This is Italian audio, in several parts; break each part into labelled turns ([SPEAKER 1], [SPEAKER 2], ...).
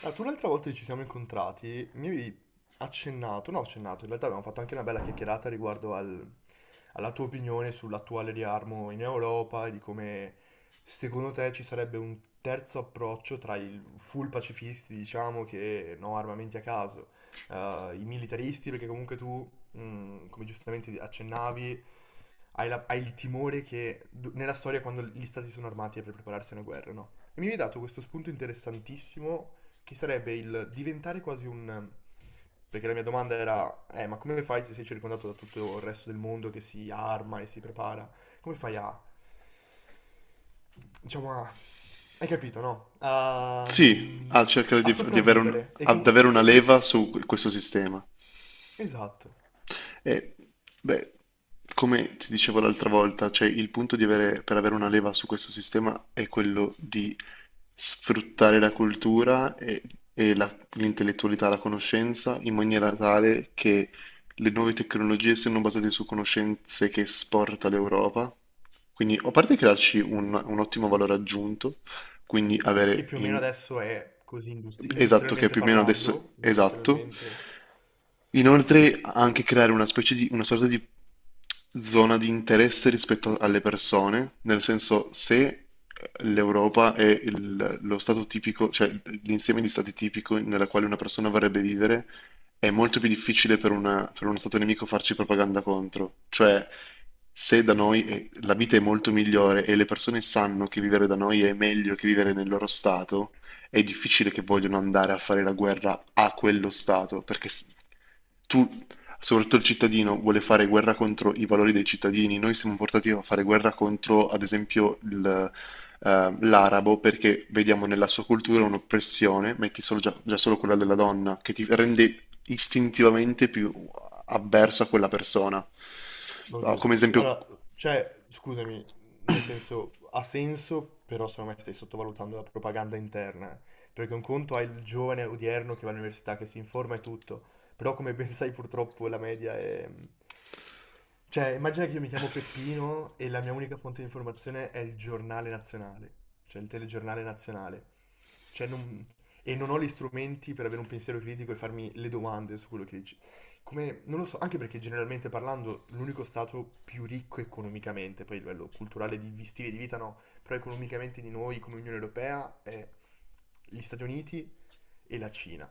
[SPEAKER 1] Ah, tu l'altra volta che ci siamo incontrati mi avevi accennato, no accennato, in realtà abbiamo fatto anche una bella chiacchierata alla tua opinione sull'attuale riarmo in Europa e di come secondo te ci sarebbe un terzo approccio tra i full pacifisti, diciamo, che no armamenti a caso, i militaristi, perché comunque tu, come giustamente accennavi, hai il timore nella storia quando gli stati sono armati è per prepararsi a una guerra, no? E mi hai dato questo spunto interessantissimo che sarebbe il diventare quasi un... Perché la mia domanda era, ma come fai se sei circondato da tutto il resto del mondo che si arma e si prepara? Come fai a... diciamo a... Hai capito, no?
[SPEAKER 2] Sì, a cercare
[SPEAKER 1] A
[SPEAKER 2] di avere
[SPEAKER 1] sopravvivere.
[SPEAKER 2] ad avere una leva su questo sistema.
[SPEAKER 1] Esatto.
[SPEAKER 2] E, beh, come ti dicevo l'altra volta, cioè il punto di avere, per avere una leva su questo sistema è quello di sfruttare la cultura e l'intellettualità, la conoscenza, in maniera tale che le nuove tecnologie siano basate su conoscenze che esporta l'Europa. Quindi, a parte crearci un ottimo valore aggiunto, quindi
[SPEAKER 1] Che più o meno adesso è così
[SPEAKER 2] esatto, che è
[SPEAKER 1] industrialmente
[SPEAKER 2] più o meno adesso
[SPEAKER 1] parlando,
[SPEAKER 2] esatto.
[SPEAKER 1] industrialmente...
[SPEAKER 2] Inoltre anche creare una specie di, una sorta di zona di interesse rispetto alle persone, nel senso se l'Europa è lo stato tipico, cioè l'insieme di stati tipico nella quale una persona vorrebbe vivere, è molto più difficile per, per uno stato nemico farci propaganda contro. Cioè se da noi la vita è molto migliore e le persone sanno che vivere da noi è meglio che vivere nel loro stato, è difficile che vogliono andare a fare la guerra a quello Stato, perché tu, soprattutto il cittadino, vuole fare guerra contro i valori dei cittadini. Noi siamo portati a fare guerra contro, ad esempio, l'arabo, perché vediamo nella sua cultura un'oppressione, metti solo già solo quella della donna, che ti rende istintivamente più avverso a quella persona. No,
[SPEAKER 1] Oddio,
[SPEAKER 2] come
[SPEAKER 1] sì,
[SPEAKER 2] esempio...
[SPEAKER 1] allora, cioè, scusami, nel senso, ha senso, però secondo me stai sottovalutando la propaganda interna, eh. Perché un conto è il giovane odierno che va all'università, che si informa e tutto, però come ben sai purtroppo la media è... Cioè, immagina che io mi chiamo Peppino e la mia unica fonte di informazione è il giornale nazionale, cioè il telegiornale nazionale. Cioè, non- E non ho gli strumenti per avere un pensiero critico e farmi le domande su quello che come, non lo so, anche perché generalmente parlando l'unico stato più ricco economicamente, poi a livello culturale di stili di vita no, però economicamente di noi come Unione Europea è gli Stati Uniti e la Cina.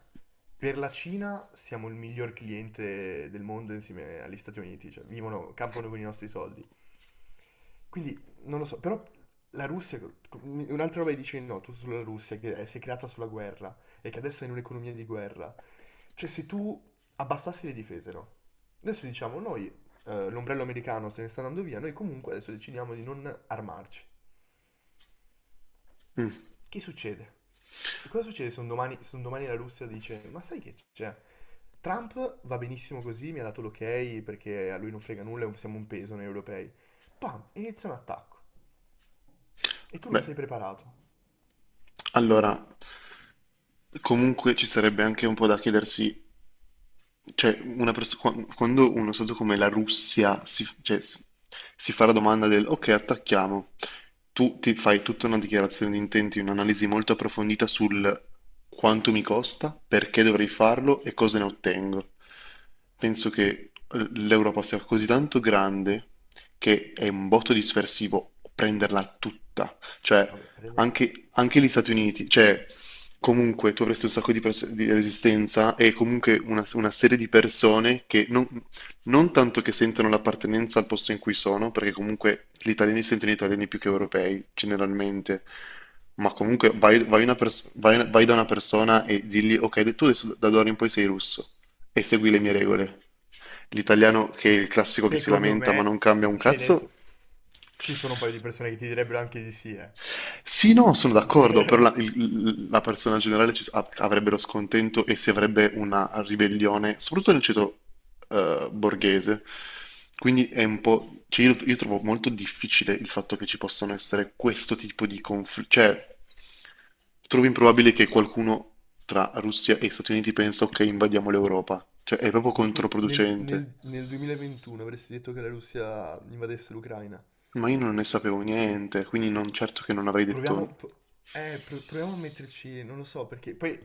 [SPEAKER 1] Per la Cina siamo il miglior cliente del mondo insieme agli Stati Uniti, cioè vivono, campano con i nostri soldi. Quindi non lo so, però la Russia, un'altra roba che dicevi no, tu sulla Russia, si è creata sulla guerra e che adesso è in un'economia di guerra. Cioè se tu abbassassi le difese, no? Adesso diciamo noi, l'ombrello americano se ne sta andando via, noi comunque adesso decidiamo di non armarci.
[SPEAKER 2] Mm.
[SPEAKER 1] Che succede? E cosa succede se un domani, se un domani la Russia dice, ma sai che c'è? Trump va benissimo così, mi ha dato l'ok perché a lui non frega nulla, siamo un peso noi europei. Pam, inizia un attacco. E tu non
[SPEAKER 2] Beh,
[SPEAKER 1] sei preparato.
[SPEAKER 2] allora, comunque ci sarebbe anche un po' da chiedersi. Cioè, quando uno stato come la Russia si fa la domanda del ok, attacchiamo, tu ti fai tutta una dichiarazione di intenti, un'analisi molto approfondita sul quanto mi costa, perché dovrei farlo e cosa ne ottengo. Penso che l'Europa sia così tanto grande che è un botto dispersivo prenderla tutta. Cioè,
[SPEAKER 1] Vabbè, prende...
[SPEAKER 2] anche gli Stati Uniti, cioè, comunque tu avresti un sacco di, di resistenza e comunque una serie di persone che non, non tanto che sentono l'appartenenza al posto in cui sono, perché comunque gli italiani sentono italiani più che europei, generalmente, ma comunque vai da una persona e digli, ok, tu adesso da da d'ora in poi sei russo e segui le mie regole. L'italiano che è
[SPEAKER 1] Se-
[SPEAKER 2] il classico che si
[SPEAKER 1] Secondo
[SPEAKER 2] lamenta ma
[SPEAKER 1] me
[SPEAKER 2] non cambia un
[SPEAKER 1] ce ne
[SPEAKER 2] cazzo,
[SPEAKER 1] so- ci sono un paio di persone che ti direbbero anche di sì,
[SPEAKER 2] sì, no, sono d'accordo, però
[SPEAKER 1] eh.
[SPEAKER 2] la persona generale avrebbero scontento e si avrebbe una ribellione, soprattutto nel ceto borghese. Quindi è un po'... cioè, io trovo molto difficile il fatto che ci possano essere questo tipo di conflitti. Cioè, trovo improbabile che qualcuno tra Russia e Stati Uniti pensa, ok, invadiamo l'Europa. Cioè, è proprio
[SPEAKER 1] Ma tu
[SPEAKER 2] controproducente.
[SPEAKER 1] nel 2021 avresti detto che la Russia invadesse l'Ucraina?
[SPEAKER 2] Ma io non ne sapevo niente, quindi non certo che non avrei detto.
[SPEAKER 1] Proviamo, pro- proviamo a metterci, non lo so perché, poi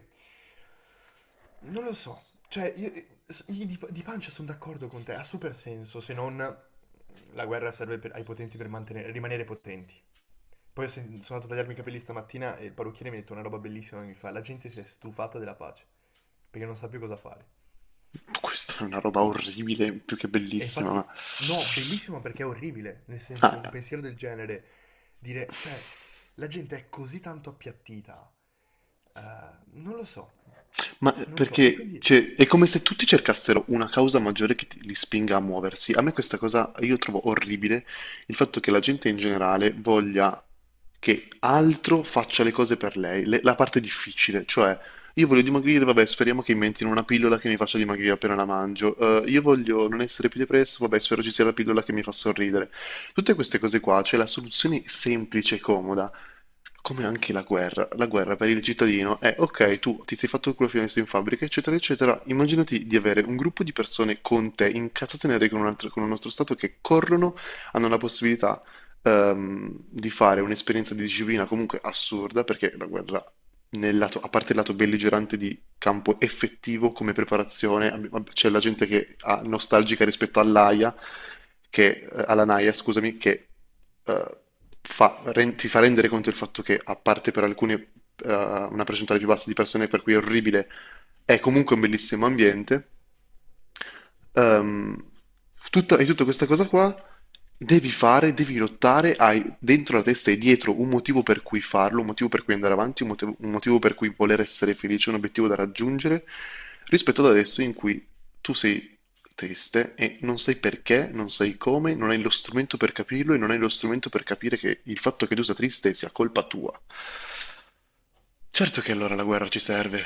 [SPEAKER 1] non lo so, cioè io di pancia sono d'accordo con te, ha super senso se non la guerra serve ai potenti per rimanere potenti. Poi sono andato a tagliarmi i capelli stamattina e il parrucchiere mi ha detto una roba bellissima che mi fa, la gente si è stufata della pace perché non sa più cosa fare.
[SPEAKER 2] Questa è una roba orribile, più che
[SPEAKER 1] E
[SPEAKER 2] bellissima,
[SPEAKER 1] infatti,
[SPEAKER 2] ma...
[SPEAKER 1] no, bellissimo perché è orribile, nel senso, un
[SPEAKER 2] Ah.
[SPEAKER 1] pensiero del genere, dire, cioè, la gente è così tanto appiattita, eh, non lo so,
[SPEAKER 2] Ma
[SPEAKER 1] non lo so, e
[SPEAKER 2] perché,
[SPEAKER 1] quindi
[SPEAKER 2] cioè, è come se tutti cercassero una causa maggiore che li spinga a muoversi. A me questa cosa, io trovo orribile il fatto che la gente in generale voglia che altro faccia le cose per lei, la parte difficile, cioè io voglio dimagrire, vabbè, speriamo che inventino una pillola che mi faccia dimagrire appena la mangio. Io voglio non essere più depresso, vabbè, spero ci sia la pillola che mi fa sorridere. Tutte queste cose qua, c'è la soluzione semplice e comoda come anche la guerra per il cittadino è ok, tu ti sei fatto il culo fino adesso in fabbrica, eccetera, eccetera. Immaginati di avere un gruppo di persone con te, incazzate nere con un altro, con un nostro Stato, che corrono, hanno la possibilità di fare un'esperienza di disciplina comunque assurda, perché la guerra, a parte il lato belligerante di campo effettivo come preparazione. C'è la gente che è nostalgica rispetto all'AIA, che, alla NAIA, scusami, che eh, ti fa rendere conto del fatto che, a parte per alcuni una percentuale più bassa di persone, per cui è orribile, è comunque un bellissimo ambiente. Ehm, e tutta questa cosa qua devi fare, devi lottare, hai dentro la testa e dietro un motivo per cui farlo, un motivo per cui andare avanti, un motivo per cui voler essere felice, un obiettivo da raggiungere, rispetto ad adesso in cui tu sei triste e non sai perché, non sai come, non hai lo strumento per capirlo e non hai lo strumento per capire che il fatto che tu sia triste sia colpa tua. Certo che allora la guerra ci serve.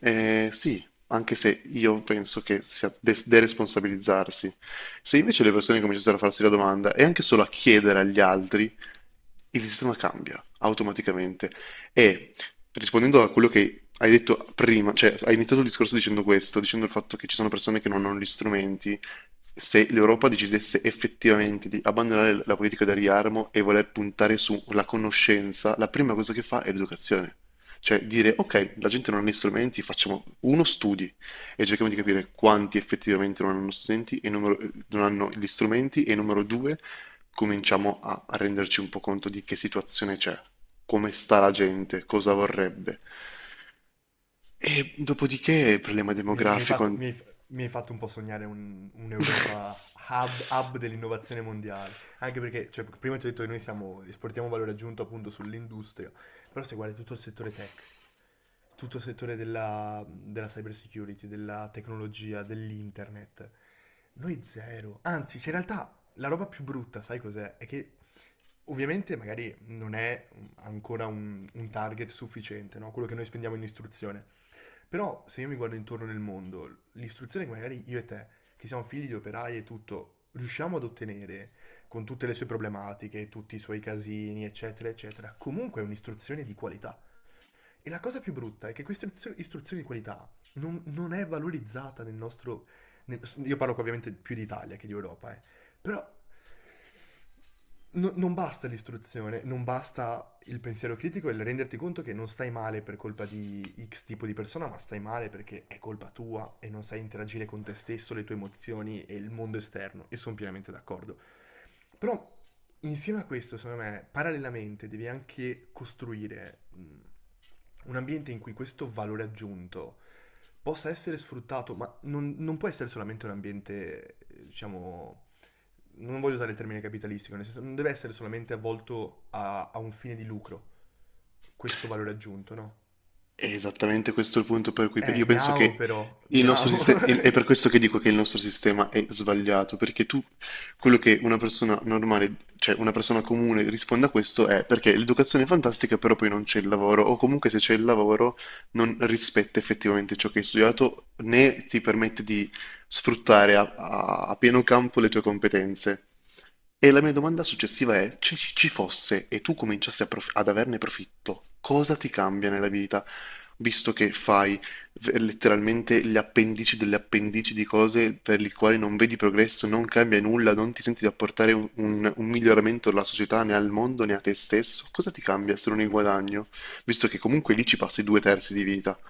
[SPEAKER 2] Sì, anche se io penso che sia deresponsabilizzarsi. Se invece le persone cominciassero a farsi la domanda e anche solo a chiedere agli altri, il sistema cambia automaticamente. E rispondendo a quello che hai detto prima, cioè hai iniziato il discorso dicendo questo, dicendo il fatto che ci sono persone che non hanno gli strumenti, se l'Europa decidesse effettivamente di abbandonare la politica del riarmo e voler puntare sulla conoscenza, la prima cosa che fa è l'educazione. Cioè dire, ok, la gente non ha gli strumenti, facciamo uno studi e cerchiamo di capire quanti effettivamente non hanno strumenti e non hanno gli strumenti e numero due, cominciamo a renderci un po' conto di che situazione c'è, come sta la gente, cosa vorrebbe. E dopodiché il problema
[SPEAKER 1] Mi, mi hai
[SPEAKER 2] demografico...
[SPEAKER 1] fatto, mi hai- mi hai fatto un po' sognare un'Europa hub dell'innovazione mondiale, anche perché cioè, prima ti ho detto che noi siamo, esportiamo valore aggiunto appunto sull'industria, però se guardi tutto il settore tech, tutto il settore della cyber security, della tecnologia, dell'internet, noi zero, anzi, cioè, in realtà la roba più brutta, sai cos'è? È che ovviamente magari non è ancora un target sufficiente, no? Quello che noi spendiamo in istruzione. Però se io mi guardo intorno nel mondo, l'istruzione che magari io e te, che siamo figli di operai e tutto, riusciamo ad ottenere con tutte le sue problematiche, tutti i suoi casini, eccetera, eccetera, comunque è un'istruzione di qualità. E la cosa più brutta è che questa istruzione di qualità non, non è valorizzata nel nostro... io parlo qua ovviamente più di Italia che di Europa, eh. Però non basta l'istruzione, non basta il pensiero critico e il renderti conto che non stai male per colpa di X tipo di persona, ma stai male perché è colpa tua e non sai interagire con te stesso, le tue emozioni e il mondo esterno. E sono pienamente d'accordo. Però insieme a questo, secondo me, parallelamente devi anche costruire un ambiente in cui questo valore aggiunto possa essere sfruttato, ma non, non può essere solamente un ambiente, diciamo, non voglio usare il termine capitalistico, nel senso non deve essere solamente avvolto a un fine di lucro, questo valore aggiunto, no?
[SPEAKER 2] È esattamente questo il punto per cui io penso
[SPEAKER 1] Miau
[SPEAKER 2] che
[SPEAKER 1] però,
[SPEAKER 2] il nostro
[SPEAKER 1] miau.
[SPEAKER 2] sistema, è per questo che dico che il nostro sistema è sbagliato, perché tu, quello che una persona normale, cioè una persona comune risponde a questo è perché l'educazione è fantastica, però poi non c'è il lavoro, o comunque se c'è il lavoro non rispetta effettivamente ciò che hai studiato, né ti permette di sfruttare a pieno campo le tue competenze. E la mia domanda successiva è, se ci fosse e tu cominciassi a ad averne profitto, cosa ti cambia nella vita, visto che fai letteralmente gli appendici delle appendici di cose per le quali non vedi progresso, non cambia nulla, non ti senti di apportare un miglioramento alla società, né al mondo, né a te stesso? Cosa ti cambia se non il guadagno, visto che comunque lì ci passi due terzi di vita?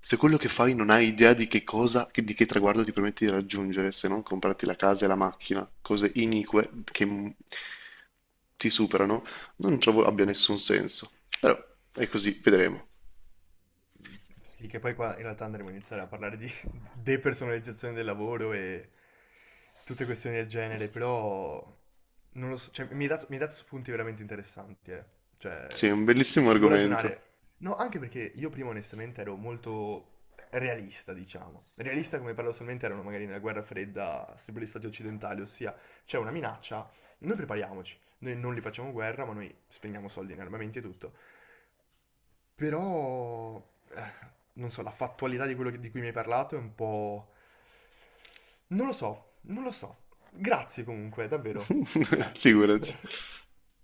[SPEAKER 2] Se quello che fai
[SPEAKER 1] Madonna.
[SPEAKER 2] non hai idea di che cosa, di che traguardo ti permetti di raggiungere, se non comprarti la casa e la macchina, cose inique che ti superano, non trovo abbia nessun senso. Però è così, vedremo.
[SPEAKER 1] Sì, che poi qua in realtà andremo a iniziare a parlare di depersonalizzazione del lavoro e tutte questioni del genere, però non lo so, cioè, mi hai dato spunti veramente interessanti, eh.
[SPEAKER 2] Sì, è
[SPEAKER 1] Cioè,
[SPEAKER 2] un bellissimo
[SPEAKER 1] ci devo
[SPEAKER 2] argomento.
[SPEAKER 1] ragionare. No, anche perché io prima onestamente ero molto realista, diciamo. Realista come paradossalmente erano magari nella guerra fredda, sempre gli stati occidentali, ossia c'è una minaccia, noi prepariamoci, noi non li facciamo guerra, ma noi spendiamo soldi in armamenti e tutto. Però, eh, non so, la fattualità di quello di cui mi hai parlato è un po'... Non lo so, non lo so. Grazie comunque, davvero. Grazie.
[SPEAKER 2] Figurati.